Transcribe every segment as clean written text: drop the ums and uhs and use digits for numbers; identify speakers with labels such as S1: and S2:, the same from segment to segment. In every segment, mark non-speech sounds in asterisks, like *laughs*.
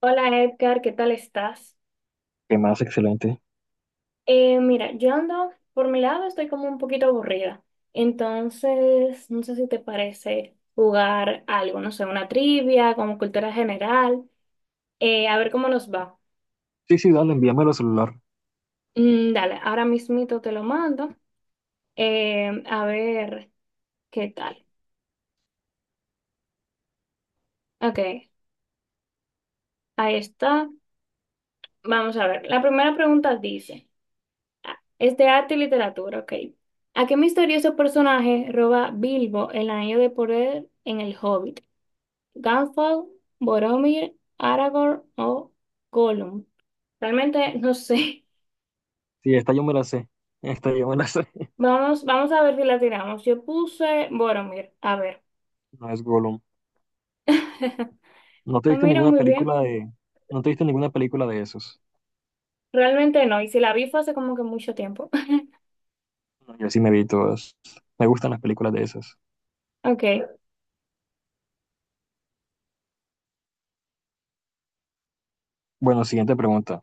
S1: Hola Edgar, ¿qué tal estás?
S2: Qué más excelente.
S1: Mira, yo ando, por mi lado estoy como un poquito aburrida, entonces no sé si te parece jugar algo, no sé, una trivia, como cultura general, a ver cómo nos va.
S2: Sí, sí, dale, envíamelo al celular.
S1: Mm, dale, ahora mismito te lo mando, a ver qué tal. Ok, ahí está. Vamos a ver, la primera pregunta dice, ah, es de arte y literatura, ok. ¿A qué misterioso personaje roba Bilbo el anillo de poder en el Hobbit? Gandalf, Boromir, Aragorn o Gollum. Realmente no sé. *laughs*
S2: Sí, esta yo me la sé. Esta yo me la sé. *laughs*
S1: Vamos, a ver si la tiramos. Yo puse Boromir. A ver.
S2: No es Gollum.
S1: *laughs*
S2: ¿No te
S1: No
S2: viste
S1: miro
S2: ninguna
S1: muy bien.
S2: película de... ¿No te viste ninguna película de esos?
S1: Realmente no. Y si la vi fue hace como que mucho tiempo. *laughs*
S2: No, yo sí me vi todas. Me gustan las películas de esas.
S1: Ok.
S2: Bueno, siguiente pregunta.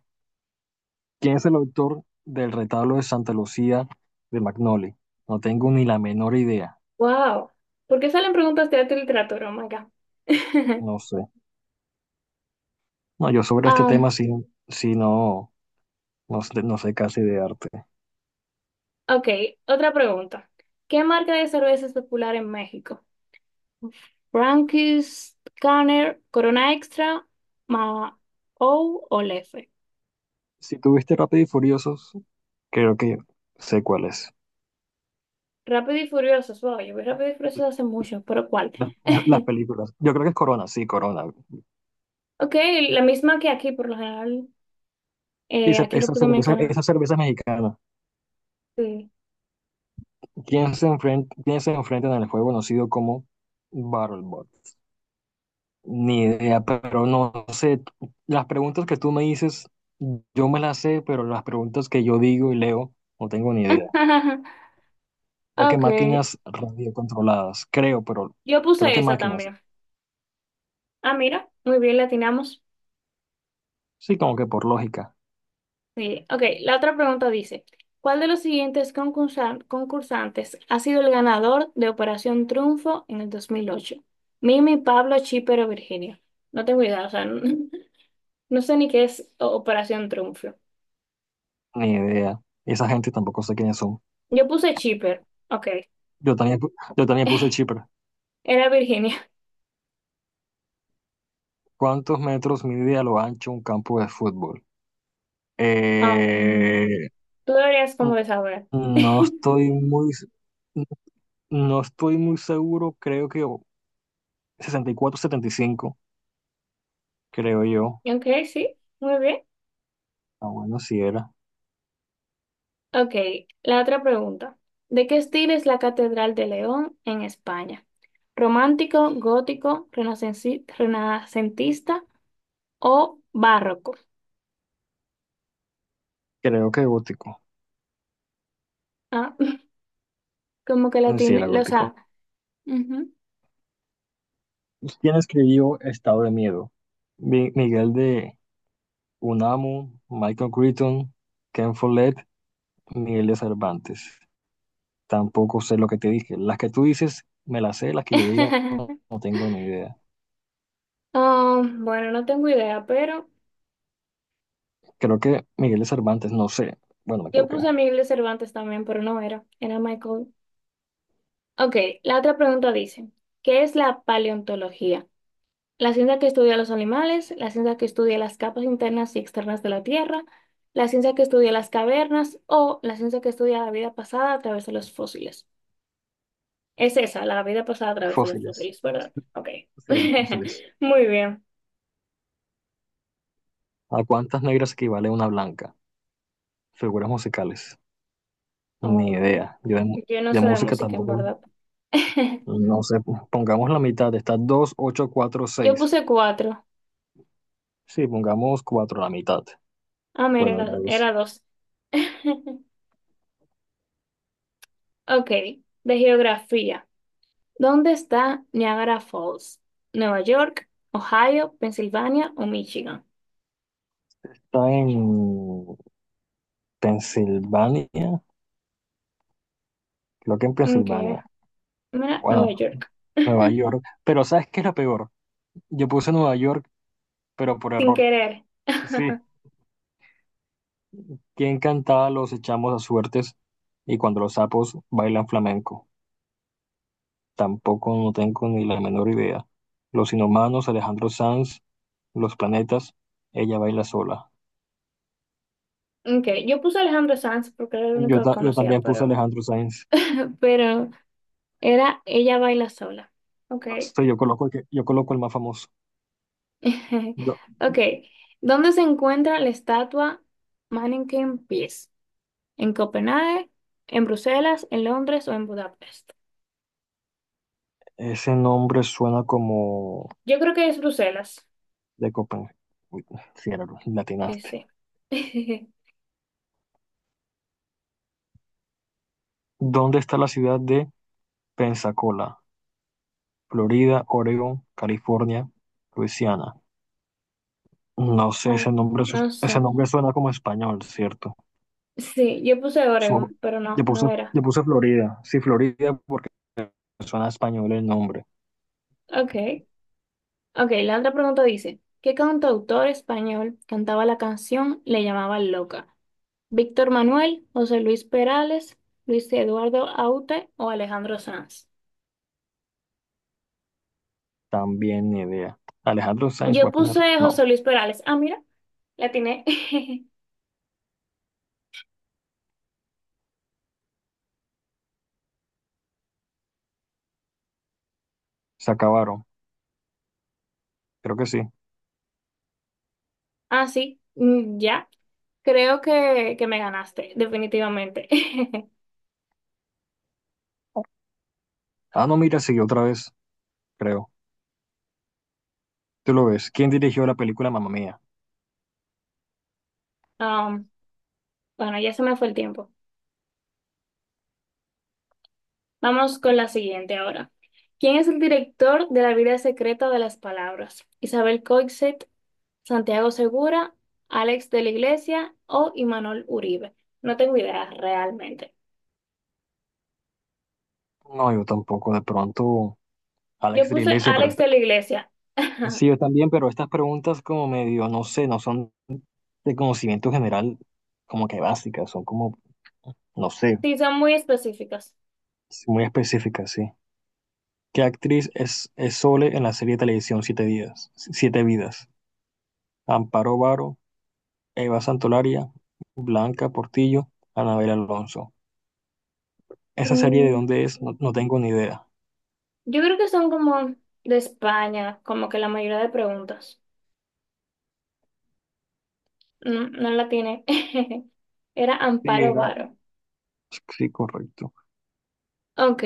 S2: ¿Quién es el autor del retablo de Santa Lucía de Magnoli? No tengo ni la menor idea.
S1: Wow. ¿Por qué salen preguntas de arte y literatura? Oh my God. *laughs*
S2: No sé. No, yo sobre este tema
S1: Um,
S2: sí, sí no, no, no sé casi de arte.
S1: ok. Otra pregunta. ¿Qué marca de cerveza es popular en México? Frankie's Scanner, Corona Extra, Ma O Lefe.
S2: Si tuviste Rápido y Furiosos, creo que sé cuál es.
S1: Rápido y Furiosos. Wow, yo vi Rápido y Furiosos hace mucho, pero ¿cuál?
S2: Las
S1: *laughs*
S2: películas. Yo creo que es Corona, sí, Corona.
S1: Ok, la misma que aquí, por lo general.
S2: Y esa,
S1: Aquí en República Dominicana.
S2: esa cerveza mexicana.
S1: Sí.
S2: Quién se enfrenta en el juego conocido como Battlebot? Ni idea, pero no sé. Las preguntas que tú me dices, yo me las sé, pero las preguntas que yo digo y leo, no tengo ni idea.
S1: *laughs*
S2: Creo que
S1: Ok,
S2: máquinas radiocontroladas, creo, pero
S1: yo
S2: creo
S1: puse
S2: que
S1: esa
S2: máquinas.
S1: también. Ah, mira, muy bien, latinamos.
S2: Sí, como que por lógica,
S1: Sí, ok. La otra pregunta dice, ¿cuál de los siguientes concursantes ha sido el ganador de Operación Triunfo en el 2008? Mimi, Pablo, Chipper o Virginia. No tengo idea, o sea, *laughs* no, no sé ni qué es Operación Triunfo.
S2: ni idea. Esa gente tampoco sé quiénes son.
S1: Yo puse Chipper, ok.
S2: Yo también, yo también puse Chipre.
S1: *laughs* Era Virginia.
S2: ¿Cuántos metros mide a lo ancho un campo de fútbol?
S1: Um,
S2: Eh,
S1: Tú deberías como
S2: n-
S1: de saber.
S2: no
S1: *laughs*
S2: estoy muy, n- no estoy muy seguro, creo que 64, 75, creo yo.
S1: Ok, sí, muy bien.
S2: Ah, bueno, si era.
S1: Ok, la otra pregunta. ¿De qué estilo es la Catedral de León en España? ¿Romántico, gótico, renacentista o barroco?
S2: Creo que gótico.
S1: Ah, *laughs* como que la
S2: Si
S1: tiene,
S2: era
S1: o
S2: gótico.
S1: sea, ujú.
S2: ¿Quién escribió Estado de Miedo? Miguel de Unamuno, Michael Crichton, Ken Follett, Miguel de Cervantes. Tampoco sé lo que te dije. Las que tú dices, me las sé, las que yo digo,
S1: *laughs*
S2: no tengo ni idea.
S1: Ah, bueno, no tengo idea, pero
S2: Creo que Miguel de Cervantes, no sé. Bueno, me
S1: yo
S2: equivoqué.
S1: puse Miguel de Cervantes también, pero no era, era Michael. Ok, la otra pregunta dice, ¿qué es la paleontología? La ciencia que estudia los animales, la ciencia que estudia las capas internas y externas de la Tierra, la ciencia que estudia las cavernas o la ciencia que estudia la vida pasada a través de los fósiles. Es esa, la vida pasada a través de los
S2: Fósiles.
S1: fósiles, ¿verdad? Ok.
S2: Sí, los
S1: *laughs*
S2: fósiles.
S1: Muy bien.
S2: ¿A cuántas negras equivale una blanca? Figuras musicales. Ni
S1: Um,
S2: idea.
S1: yo no
S2: De
S1: sé de
S2: música
S1: música, en
S2: tampoco.
S1: verdad. *laughs*
S2: No sé. Pongamos la mitad. Está 2 8 4
S1: Yo
S2: seis.
S1: puse cuatro.
S2: Sí, pongamos 4 la mitad.
S1: Ah, mira,
S2: Bueno, era dos.
S1: era dos. *laughs* Ok, de geografía. ¿Dónde está Niagara Falls? ¿Nueva York, Ohio, Pensilvania o Michigan?
S2: Está en Pensilvania. Creo que en
S1: Okay.
S2: Pensilvania.
S1: Mira, Nueva
S2: Bueno,
S1: York.
S2: Nueva
S1: *laughs*
S2: York. Pero ¿sabes qué es lo peor? Yo puse Nueva York, pero por
S1: Sin
S2: error.
S1: querer.
S2: Sí.
S1: *laughs*
S2: Quien cantaba los echamos a suertes y cuando los sapos bailan flamenco. Tampoco no tengo ni la menor idea. Los inhumanos, Alejandro Sanz, los planetas, ella baila sola.
S1: Okay. Yo puse Alejandro Sanz porque era el único que
S2: Yo
S1: conocía,
S2: también puse
S1: pero,
S2: Alejandro Sanz.
S1: *laughs* pero era Ella baila sola.
S2: No
S1: Okay.
S2: sé, yo coloco yo coloco el más famoso.
S1: *laughs*
S2: Yo
S1: Okay. ¿Dónde se encuentra la estatua Mannequin Peace? ¿En Copenhague, en Bruselas, en Londres o en Budapest?
S2: ese nombre suena como
S1: Yo creo que es Bruselas.
S2: de Copenhague. Uy, sí, era,
S1: Sí,
S2: latinaste.
S1: sí. *laughs*
S2: ¿Dónde está la ciudad de Pensacola? Florida, Oregon, California, Luisiana. No sé,
S1: Oh,
S2: ese nombre,
S1: no
S2: ese
S1: sé.
S2: nombre suena como español, ¿cierto?
S1: Sí, yo puse
S2: Su-
S1: Oregon, pero no,
S2: yo puse,
S1: no era.
S2: yo puse Florida. Sí, Florida porque suena a español el nombre.
S1: Ok. Ok, la otra pregunta dice, ¿qué cantautor español cantaba la canción Le llamaba loca? ¿Víctor Manuel, José Luis Perales, Luis Eduardo Aute o Alejandro Sanz?
S2: También ni idea. Alejandro Sainz voy
S1: Yo
S2: a poner.
S1: puse José
S2: No,
S1: Luis Perales. Ah, mira, la atiné. *laughs*
S2: se acabaron. Creo que sí.
S1: Ah, sí, mm, ya. Creo que me ganaste, definitivamente. *laughs*
S2: Ah, no, mira, siguió otra vez, creo. Tú lo ves. ¿Quién dirigió la película Mamma Mía?
S1: Um, bueno, ya se me fue el tiempo. Vamos con la siguiente ahora. ¿Quién es el director de La vida secreta de las palabras? ¿Isabel Coixet, Santiago Segura, Alex de la Iglesia o Imanol Uribe? No tengo idea realmente.
S2: No, yo tampoco. De pronto,
S1: Yo
S2: Alex de
S1: puse
S2: Iglesia, pero
S1: Alex de la Iglesia.
S2: sí,
S1: *laughs*
S2: yo también, pero estas preguntas como medio, no sé, no son de conocimiento general, como que básicas, son como, no sé,
S1: Sí, son muy específicas.
S2: muy específicas, sí. ¿Qué actriz es Sole en la serie de televisión Siete Vidas? Siete Vidas. Amparo Varo, Eva Santolaria, Blanca Portillo, Anabel Alonso. ¿Esa serie de
S1: Mm,
S2: dónde es? No, no tengo ni idea.
S1: yo creo que son como de España, como que la mayoría de preguntas. No, no la tiene. *laughs* Era
S2: Sí,
S1: Amparo
S2: era.
S1: Varo.
S2: Sí, correcto.
S1: Ok.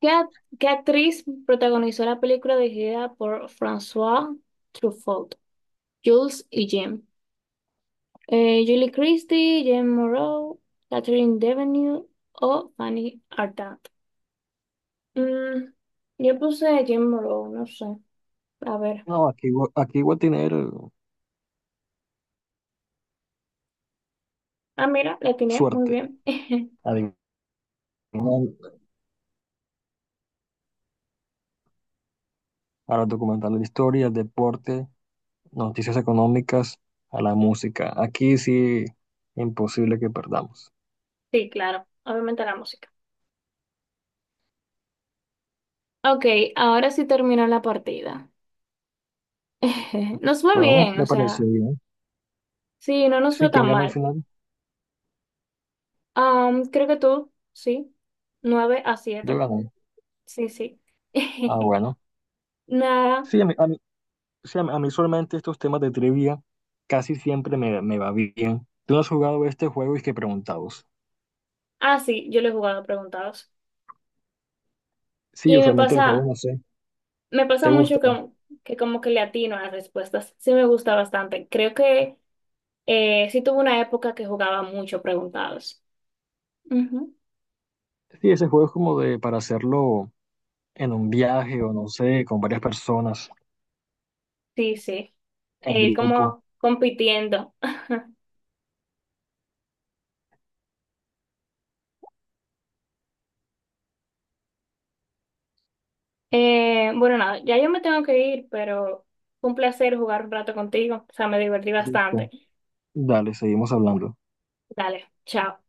S1: ¿Qué, a- ¿Qué actriz protagonizó la película dirigida por François Truffaut, Jules y Jim? Julie Christie, Jim Moreau, Catherine Deneuve o Fanny Ardant. Mm, yo puse Jim Moreau, no sé. A ver.
S2: No, aquí, aquí voy a tener
S1: Ah, mira, le atiné muy
S2: suerte.
S1: bien. *laughs*
S2: Adivinar a los documentales de historia, deporte, noticias económicas, a la música. Aquí sí, imposible que perdamos.
S1: Sí, claro. Obviamente la música. Ok, ahora sí terminó la partida. *laughs* Nos fue
S2: Bueno,
S1: bien,
S2: me
S1: o
S2: pareció
S1: sea,
S2: bien.
S1: sí, no nos fue
S2: Sí, ¿quién
S1: tan
S2: ganó al
S1: mal.
S2: final?
S1: Am, creo que tú, sí. nueve a
S2: Yo
S1: siete
S2: gané.
S1: Sí, sí.
S2: Ah,
S1: *laughs*
S2: bueno.
S1: Nada.
S2: Sí, a mí usualmente estos temas de trivia casi siempre me va bien. ¿Tú no has jugado este juego y que preguntados?
S1: Ah, sí, yo lo he jugado a preguntados.
S2: Sí,
S1: Y me
S2: usualmente los juegos,
S1: pasa,
S2: no sé,
S1: Me
S2: ¿te
S1: pasa
S2: gusta?
S1: mucho que como que le atino a las respuestas. Sí me gusta bastante. Creo que sí tuve una época que jugaba mucho preguntados. Ujú.
S2: Sí, ese juego es como de para hacerlo en un viaje o no sé, con varias personas,
S1: Sí, sí.
S2: en grupo.
S1: Como compitiendo. *laughs* Bueno, nada, ya yo me tengo que ir, pero fue un placer jugar un rato contigo. O sea, me divertí bastante.
S2: Listo. Dale, seguimos hablando.
S1: Dale, chao.